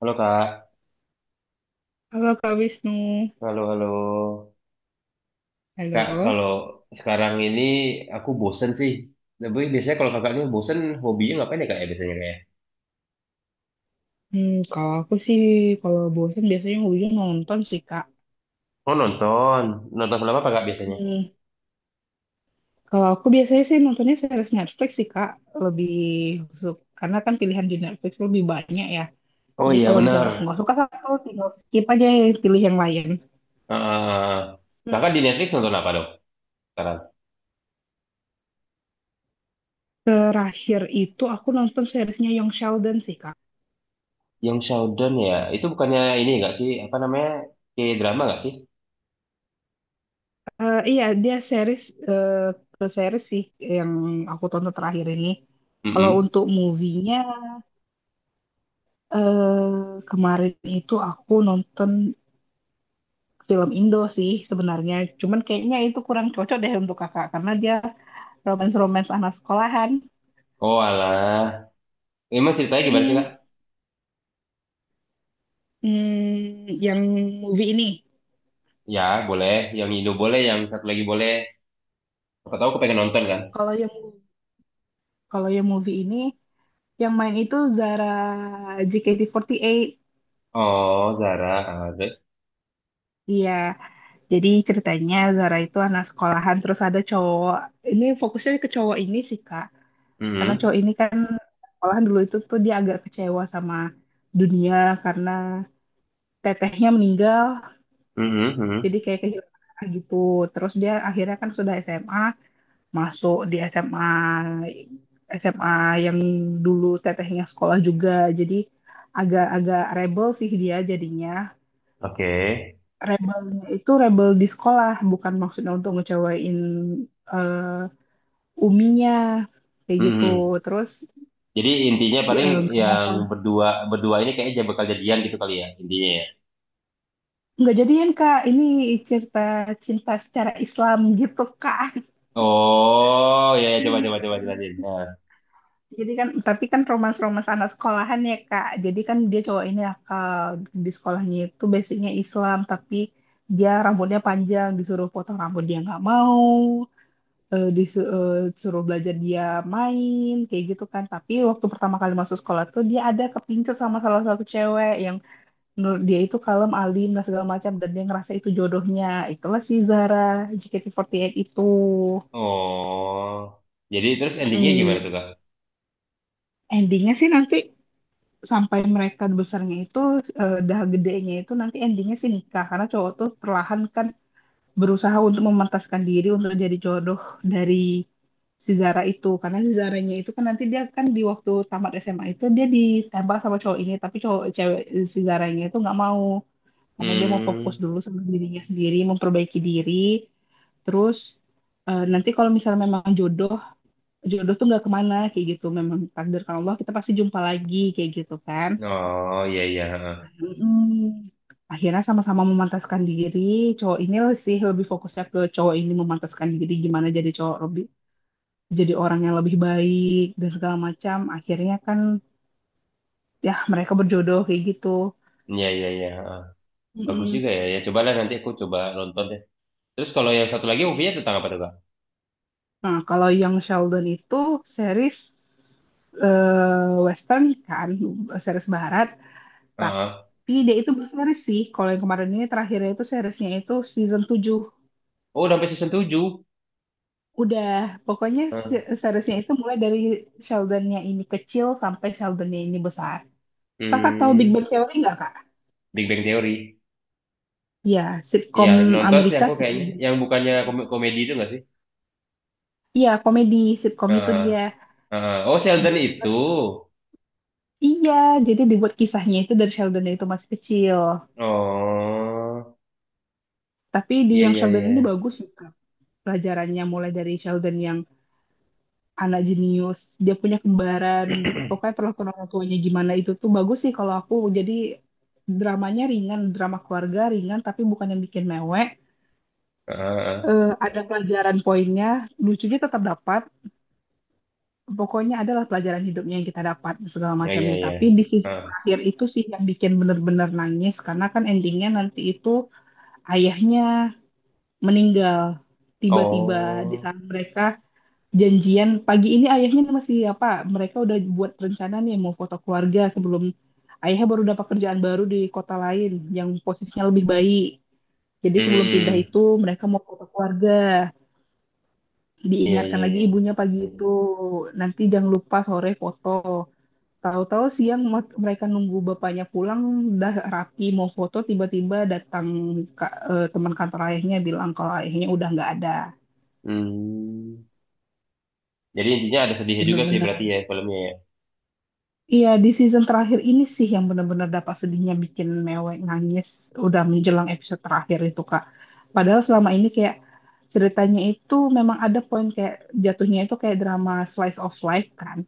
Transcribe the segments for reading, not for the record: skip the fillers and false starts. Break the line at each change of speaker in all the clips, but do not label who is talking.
Halo Kak,
Halo Kak Wisnu.
halo, halo Kak.
Halo.
Kalau sekarang ini aku bosen sih. Tapi biasanya kalau kakak ini bosen, hobinya ngapain ya Kak ya biasanya kayak?
Kalau aku sih, kalau bosan biasanya ujung nonton sih, Kak.
Oh nonton, nonton film apa Kak biasanya?
Hmm, Kalau aku biasanya sih nontonnya series Netflix sih, Kak. Lebih karena kan pilihan di Netflix lebih banyak ya.
Oh
Jadi
iya
kalau
benar.
misalnya aku nggak suka satu, tinggal skip aja ya, pilih yang lain.
Heeh. Kakak
Hmm,
di Netflix nonton apa dong sekarang?
Terakhir itu aku nonton seriesnya Young Sheldon sih, Kak.
Yang Showdown ya, itu bukannya ini nggak sih? Apa namanya? Kayak drama nggak sih?
Iya, dia eh, ke series sih yang aku tonton terakhir ini. Kalau
Mm-mm.
untuk movie-nya, kemarin itu aku nonton film Indo sih sebenarnya. Cuman kayaknya itu kurang cocok deh untuk kakak karena dia romance-romance anak sekolahan.
Oh alah, emang ceritanya gimana sih Kak?
Mm-mm. Yang movie ini.
Ya boleh, yang Indo boleh, yang satu lagi boleh. Siapa tahu aku pengen nonton kan?
Kalau yang kalau yang movie ini yang main itu Zara JKT48.
Oh Zara, ah, terus.
Iya. Jadi ceritanya Zara itu anak sekolahan terus ada cowok. Ini fokusnya ke cowok ini sih, Kak. Karena
Mm-mm.
cowok ini kan malahan dulu itu tuh dia agak kecewa sama dunia karena tetehnya meninggal,
Mhm,
jadi
mhm.
kayak kehilangan gitu. Terus dia akhirnya kan sudah SMA, masuk di SMA SMA yang dulu tetehnya sekolah juga, jadi agak-agak rebel sih dia jadinya.
Oke.
Rebelnya itu rebel di sekolah, bukan maksudnya untuk ngecewain eh, uminya kayak gitu.
Mhm.
Terus
Jadi intinya paling
nggak mau.
yang berdua berdua ini kayaknya bakal jadian gitu kali ya intinya ya.
Nggak jadian, Kak. Ini cerita cinta secara Islam gitu, Kak.
Oh, ya ya, coba coba coba jelasin.
Hmm.
Nah.
Jadi kan, tapi kan romans-romans anak sekolahan ya, Kak. Jadi kan dia cowok ini akal. Di sekolahnya itu basicnya Islam, tapi dia rambutnya panjang, disuruh potong rambut dia nggak mau. Disuruh belajar dia main, kayak gitu kan. Tapi waktu pertama kali masuk sekolah tuh dia ada kepincut sama salah satu cewek yang menurut dia itu kalem, alim, dan segala macam. Dan dia ngerasa itu jodohnya. Itulah si Zara JKT48 itu.
Oh. Jadi terus endingnya gimana
Mm-mm.
tuh, Kak?
Endingnya sih nanti sampai mereka besarnya itu, dah gedenya itu nanti endingnya sih nikah. Karena cowok tuh perlahan kan berusaha untuk memantaskan diri untuk jadi jodoh dari si Zara itu. Karena si Zaranya itu kan nanti dia kan di waktu tamat SMA itu dia ditembak sama cowok ini. Tapi cowok cewek si Zaranya itu nggak mau. Karena dia mau fokus
Hmm.
dulu sama dirinya sendiri, memperbaiki diri. Terus nanti kalau misalnya memang jodoh, jodoh tuh nggak kemana kayak gitu. Memang takdirkan Allah kita pasti jumpa lagi kayak gitu kan.
Oh, iya iya, heeh.
Mm. Akhirnya sama-sama memantaskan diri. Cowok ini sih lebih fokusnya ke cowok ini memantaskan diri gimana jadi cowok lebih, jadi orang yang lebih baik dan segala macam. Akhirnya kan ya mereka berjodoh kayak gitu.
Iya iya iya, heeh. Bagus
Mm-mm.
juga ya. Ya cobalah nanti aku coba nonton deh. Terus kalau yang satu lagi movie-nya tentang apa tuh, Kak?
Nah, kalau yang Sheldon itu series, Western kan, series Barat,
Heeh.
tapi dia itu berseries sih. Kalau yang kemarin ini terakhirnya itu seriesnya itu season 7.
Oh, udah sampai season 7.
Udah, pokoknya
Heeh.
seriesnya itu mulai dari Sheldonnya ini kecil sampai Sheldonnya ini besar. Kakak tahu Big
Hmm.
Bang Theory nggak, Kak?
Big Bang Theory.
Ya,
Iya,
sitkom
nonton sih
Amerika
aku
sih.
kayaknya. Yang bukannya komedi itu nggak sih?
Iya, komedi sitkom itu
Eh,
dia
eh, oh, Sheldon itu.
dibuat. Iya, jadi dibuat kisahnya itu dari Sheldon itu masih kecil.
Oh,
Tapi di
iya,
yang
iya, iya.
Sheldon ini bagus sih, Kak. Pelajarannya mulai dari Sheldon yang anak jenius, dia punya kembaran, pokoknya perlakuan orang tuanya gimana itu tuh bagus sih kalau aku. Jadi dramanya ringan, drama keluarga ringan, tapi bukan yang bikin mewek.
Heeh,
Ada pelajaran poinnya, lucunya tetap dapat. Pokoknya adalah pelajaran hidupnya yang kita dapat segala
iya, iya,
macamnya.
iya.
Tapi di sisi
Heeh.
terakhir itu sih yang bikin bener-bener nangis karena kan endingnya nanti itu ayahnya meninggal tiba-tiba di
Oh,
saat mereka janjian pagi ini ayahnya masih apa? Mereka udah buat rencana nih mau foto keluarga sebelum ayahnya baru dapat kerjaan baru di kota lain yang posisinya lebih baik. Jadi
hmm,
sebelum pindah
hmm. Hmm.
itu mereka mau foto keluarga.
Iya,
Diingatkan
iya,
lagi
iya.
ibunya pagi itu. Nanti jangan lupa sore foto. Tahu-tahu siang mereka nunggu bapaknya pulang, udah rapi mau foto, tiba-tiba datang teman kantor ayahnya bilang kalau ayahnya udah nggak ada.
Hmm. Jadi intinya ada sedihnya juga sih berarti
Bener-bener
ya filmnya ya.
Iya, di season terakhir ini sih yang benar-benar dapat sedihnya bikin mewek nangis, udah menjelang episode terakhir itu, Kak. Padahal selama ini kayak ceritanya itu memang ada poin kayak jatuhnya itu kayak drama slice of life kan.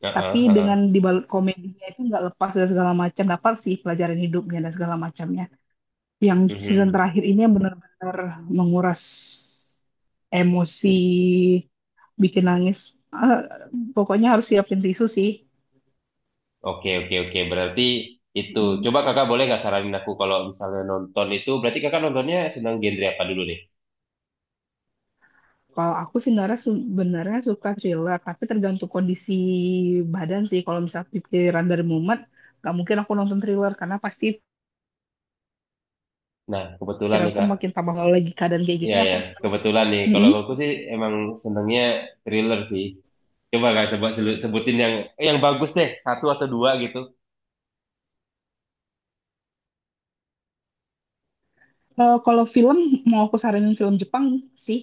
Heeh,
Tapi
heeh.
dengan dibalut komedinya itu nggak lepas dan segala macam dapat sih pelajaran hidupnya dan segala macamnya. Yang season
Mhm.
terakhir ini yang benar-benar menguras emosi, bikin nangis. Eh, Pokoknya harus siapin tisu
Oke, oke, oke. Berarti itu.
sih.
Coba kakak boleh nggak saranin aku kalau misalnya nonton itu, berarti kakak nontonnya senang genre apa dulu deh?
Kalau aku sih sebenarnya sebenarnya suka thriller, tapi tergantung kondisi badan sih. Kalau misal pikiran dari mumet, nggak mungkin aku nonton thriller karena pasti
Nah, kebetulan nih
pikiranku
kak.
makin tambah kalau lagi keadaan kayak
Iya
gini.
ya,
Aku.
kebetulan nih. Kalau
Mm-mm.
aku sih emang senengnya thriller sih. Coba kak, coba sebutin yang yang bagus deh, satu atau dua gitu.
Kalau film mau aku saranin film Jepang sih,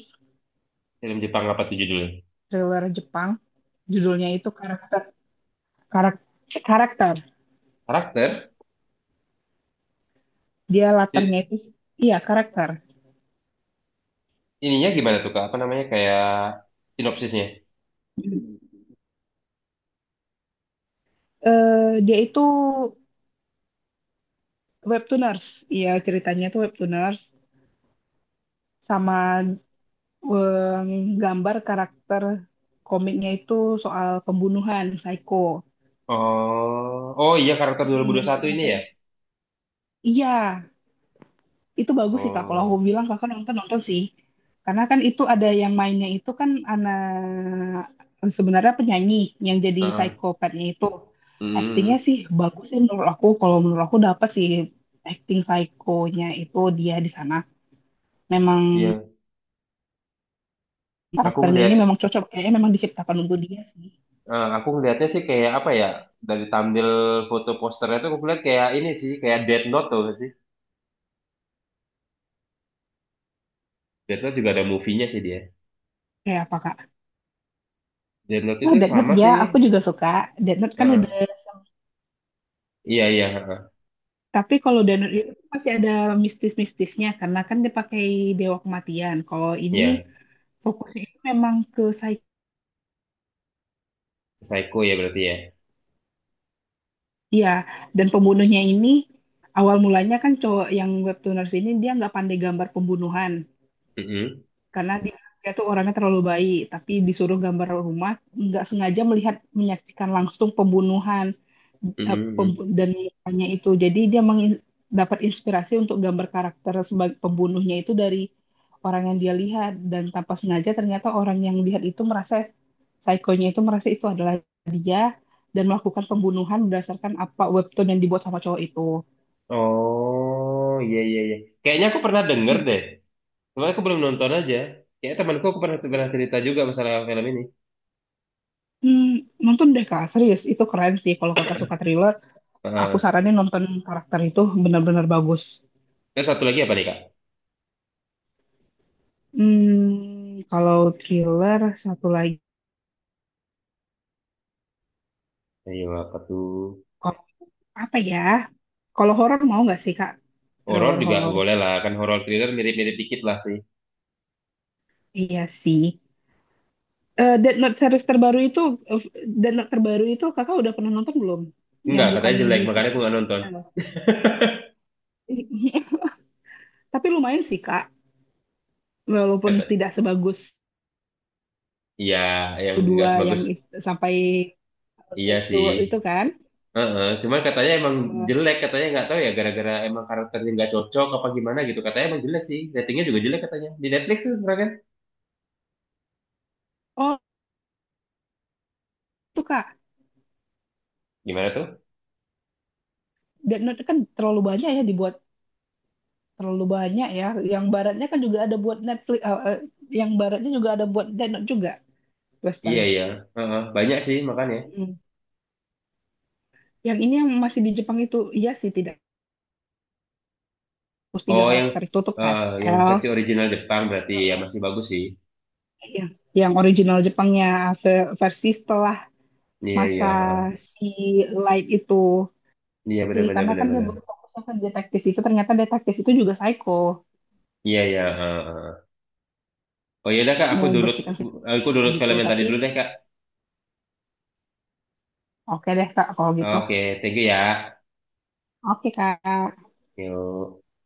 Film Jepang apa tuh judulnya?
thriller Jepang. Judulnya itu karak, karakter.
Karakter?
Dia latarnya
Si-
itu, iya, karakter.
ininya gimana tuh kak? Apa namanya kayak sinopsisnya?
Eh, Dia itu webtooners. Iya, ceritanya itu webtooners sama gambar karakter komiknya itu soal pembunuhan, psycho.
Oh, oh iya karakter dua-dua satu
Nah,
ini ya.
iya, itu bagus sih, Kak. Kalau
Oh,
aku bilang, Kakak nonton nonton sih. Karena kan itu ada yang mainnya itu kan anak sebenarnya penyanyi yang jadi
heeh.
psikopatnya itu. Aktingnya
Hmm,
sih bagus sih menurut aku. Kalau menurut aku dapat sih acting psikonya itu dia di sana. Memang
iya. Aku
karakternya
ngeliat,
ini memang cocok kayaknya memang diciptakan untuk dia sih.
aku ngeliatnya sih kayak apa ya? Dari tampil foto posternya tuh aku lihat kayak ini sih, kayak Death Note tuh sih. Death Note juga ada movie-nya sih dia.
Kayak apa, Kak?
Deadlock
Oh,
itu
Death Note
sama
ya,
sih.
aku juga suka. Death Note kan udah,
Heeh. Iya, iya, heeh.
tapi kalau Death Note itu masih ada mistis-mistisnya karena kan dia pakai dewa kematian. Kalau ini
Iya.
fokusnya itu memang ke psikia
Psycho ya berarti ya.
dan pembunuhnya ini awal mulanya kan cowok yang webtooners ini dia nggak pandai gambar pembunuhan.
Mm-mm.
Karena dia tuh orangnya terlalu baik, tapi disuruh gambar rumah, nggak sengaja melihat menyaksikan langsung pembunuhan
Mm-mm, mm-mm.
dan mukanya itu. Jadi dia dapat inspirasi untuk gambar karakter sebagai pembunuhnya itu dari orang yang dia lihat dan tanpa sengaja ternyata orang yang lihat itu merasa psikonya itu merasa itu adalah dia dan melakukan pembunuhan berdasarkan apa webtoon yang dibuat sama cowok itu.
Oh, iya, iya, iya. Kayaknya aku pernah denger deh. Cuma aku belum nonton aja. Kayak temanku aku pernah cerita juga masalah film ini.
Hmm, Nonton deh, Kak, serius itu keren sih. Kalau Kakak suka thriller, aku
Heeh.
saranin nonton karakter, itu benar-benar bagus.
Terus satu lagi apa nih, Kak?
Kalau thriller satu lagi,
Ayo, apa tuh?
kalau- apa ya? Kalau horor mau nggak sih, Kak?
Horor
Thriller
juga
horor.
boleh lah. Kan horor thriller mirip-mirip dikit lah sih.
Iya sih. Death Note series terbaru itu, eh, Death Note terbaru itu Kakak udah pernah nonton belum? Yang
Enggak,
bukan
katanya jelek.
di
Makanya
kisah.
aku nggak nonton.
Halo. Tapi lumayan sih, Kak, walaupun
Kata,
tidak sebagus
iya, yang nggak
kedua yang
sebagus.
sampai
Iya
Change the
sih.
World itu kan.
Heeh, cuman katanya emang
Eh,
jelek, katanya nggak tahu ya gara-gara emang karakternya nggak cocok apa gimana gitu. Katanya emang jelek sih, ratingnya juga jelek katanya. Di Netflix tuh kan?
oh, itu Kak,
Gimana tuh?
Death Note kan terlalu banyak ya dibuat, terlalu banyak ya. Yang baratnya kan juga ada buat Netflix, yang baratnya juga ada buat Death Note juga,
Iya
Western.
iya, heeh, banyak sih makanya.
Hmm. Yang ini yang masih di Jepang itu, iya sih tidak hapus tiga
Oh yang
karakter itu tutup kan.
yang
L,
versi original Jepang berarti ya masih bagus sih.
yang, yang original Jepangnya versi setelah
Iya iya,
masa
heeh.
si Light itu
Iya benar
sih,
benar
karena
benar
kan dia
benar.
berfokusnya ke detektif itu, ternyata detektif itu juga psycho,
Iya iya, heeh, heeh. Oh iya kak, aku
mau
download
bersihkan
aku download
gitu,
film yang tadi
tapi
dulu deh kak.
oke deh, Kak, kalau gitu,
Oke, thank you ya.
oke, Kak.
Yuk.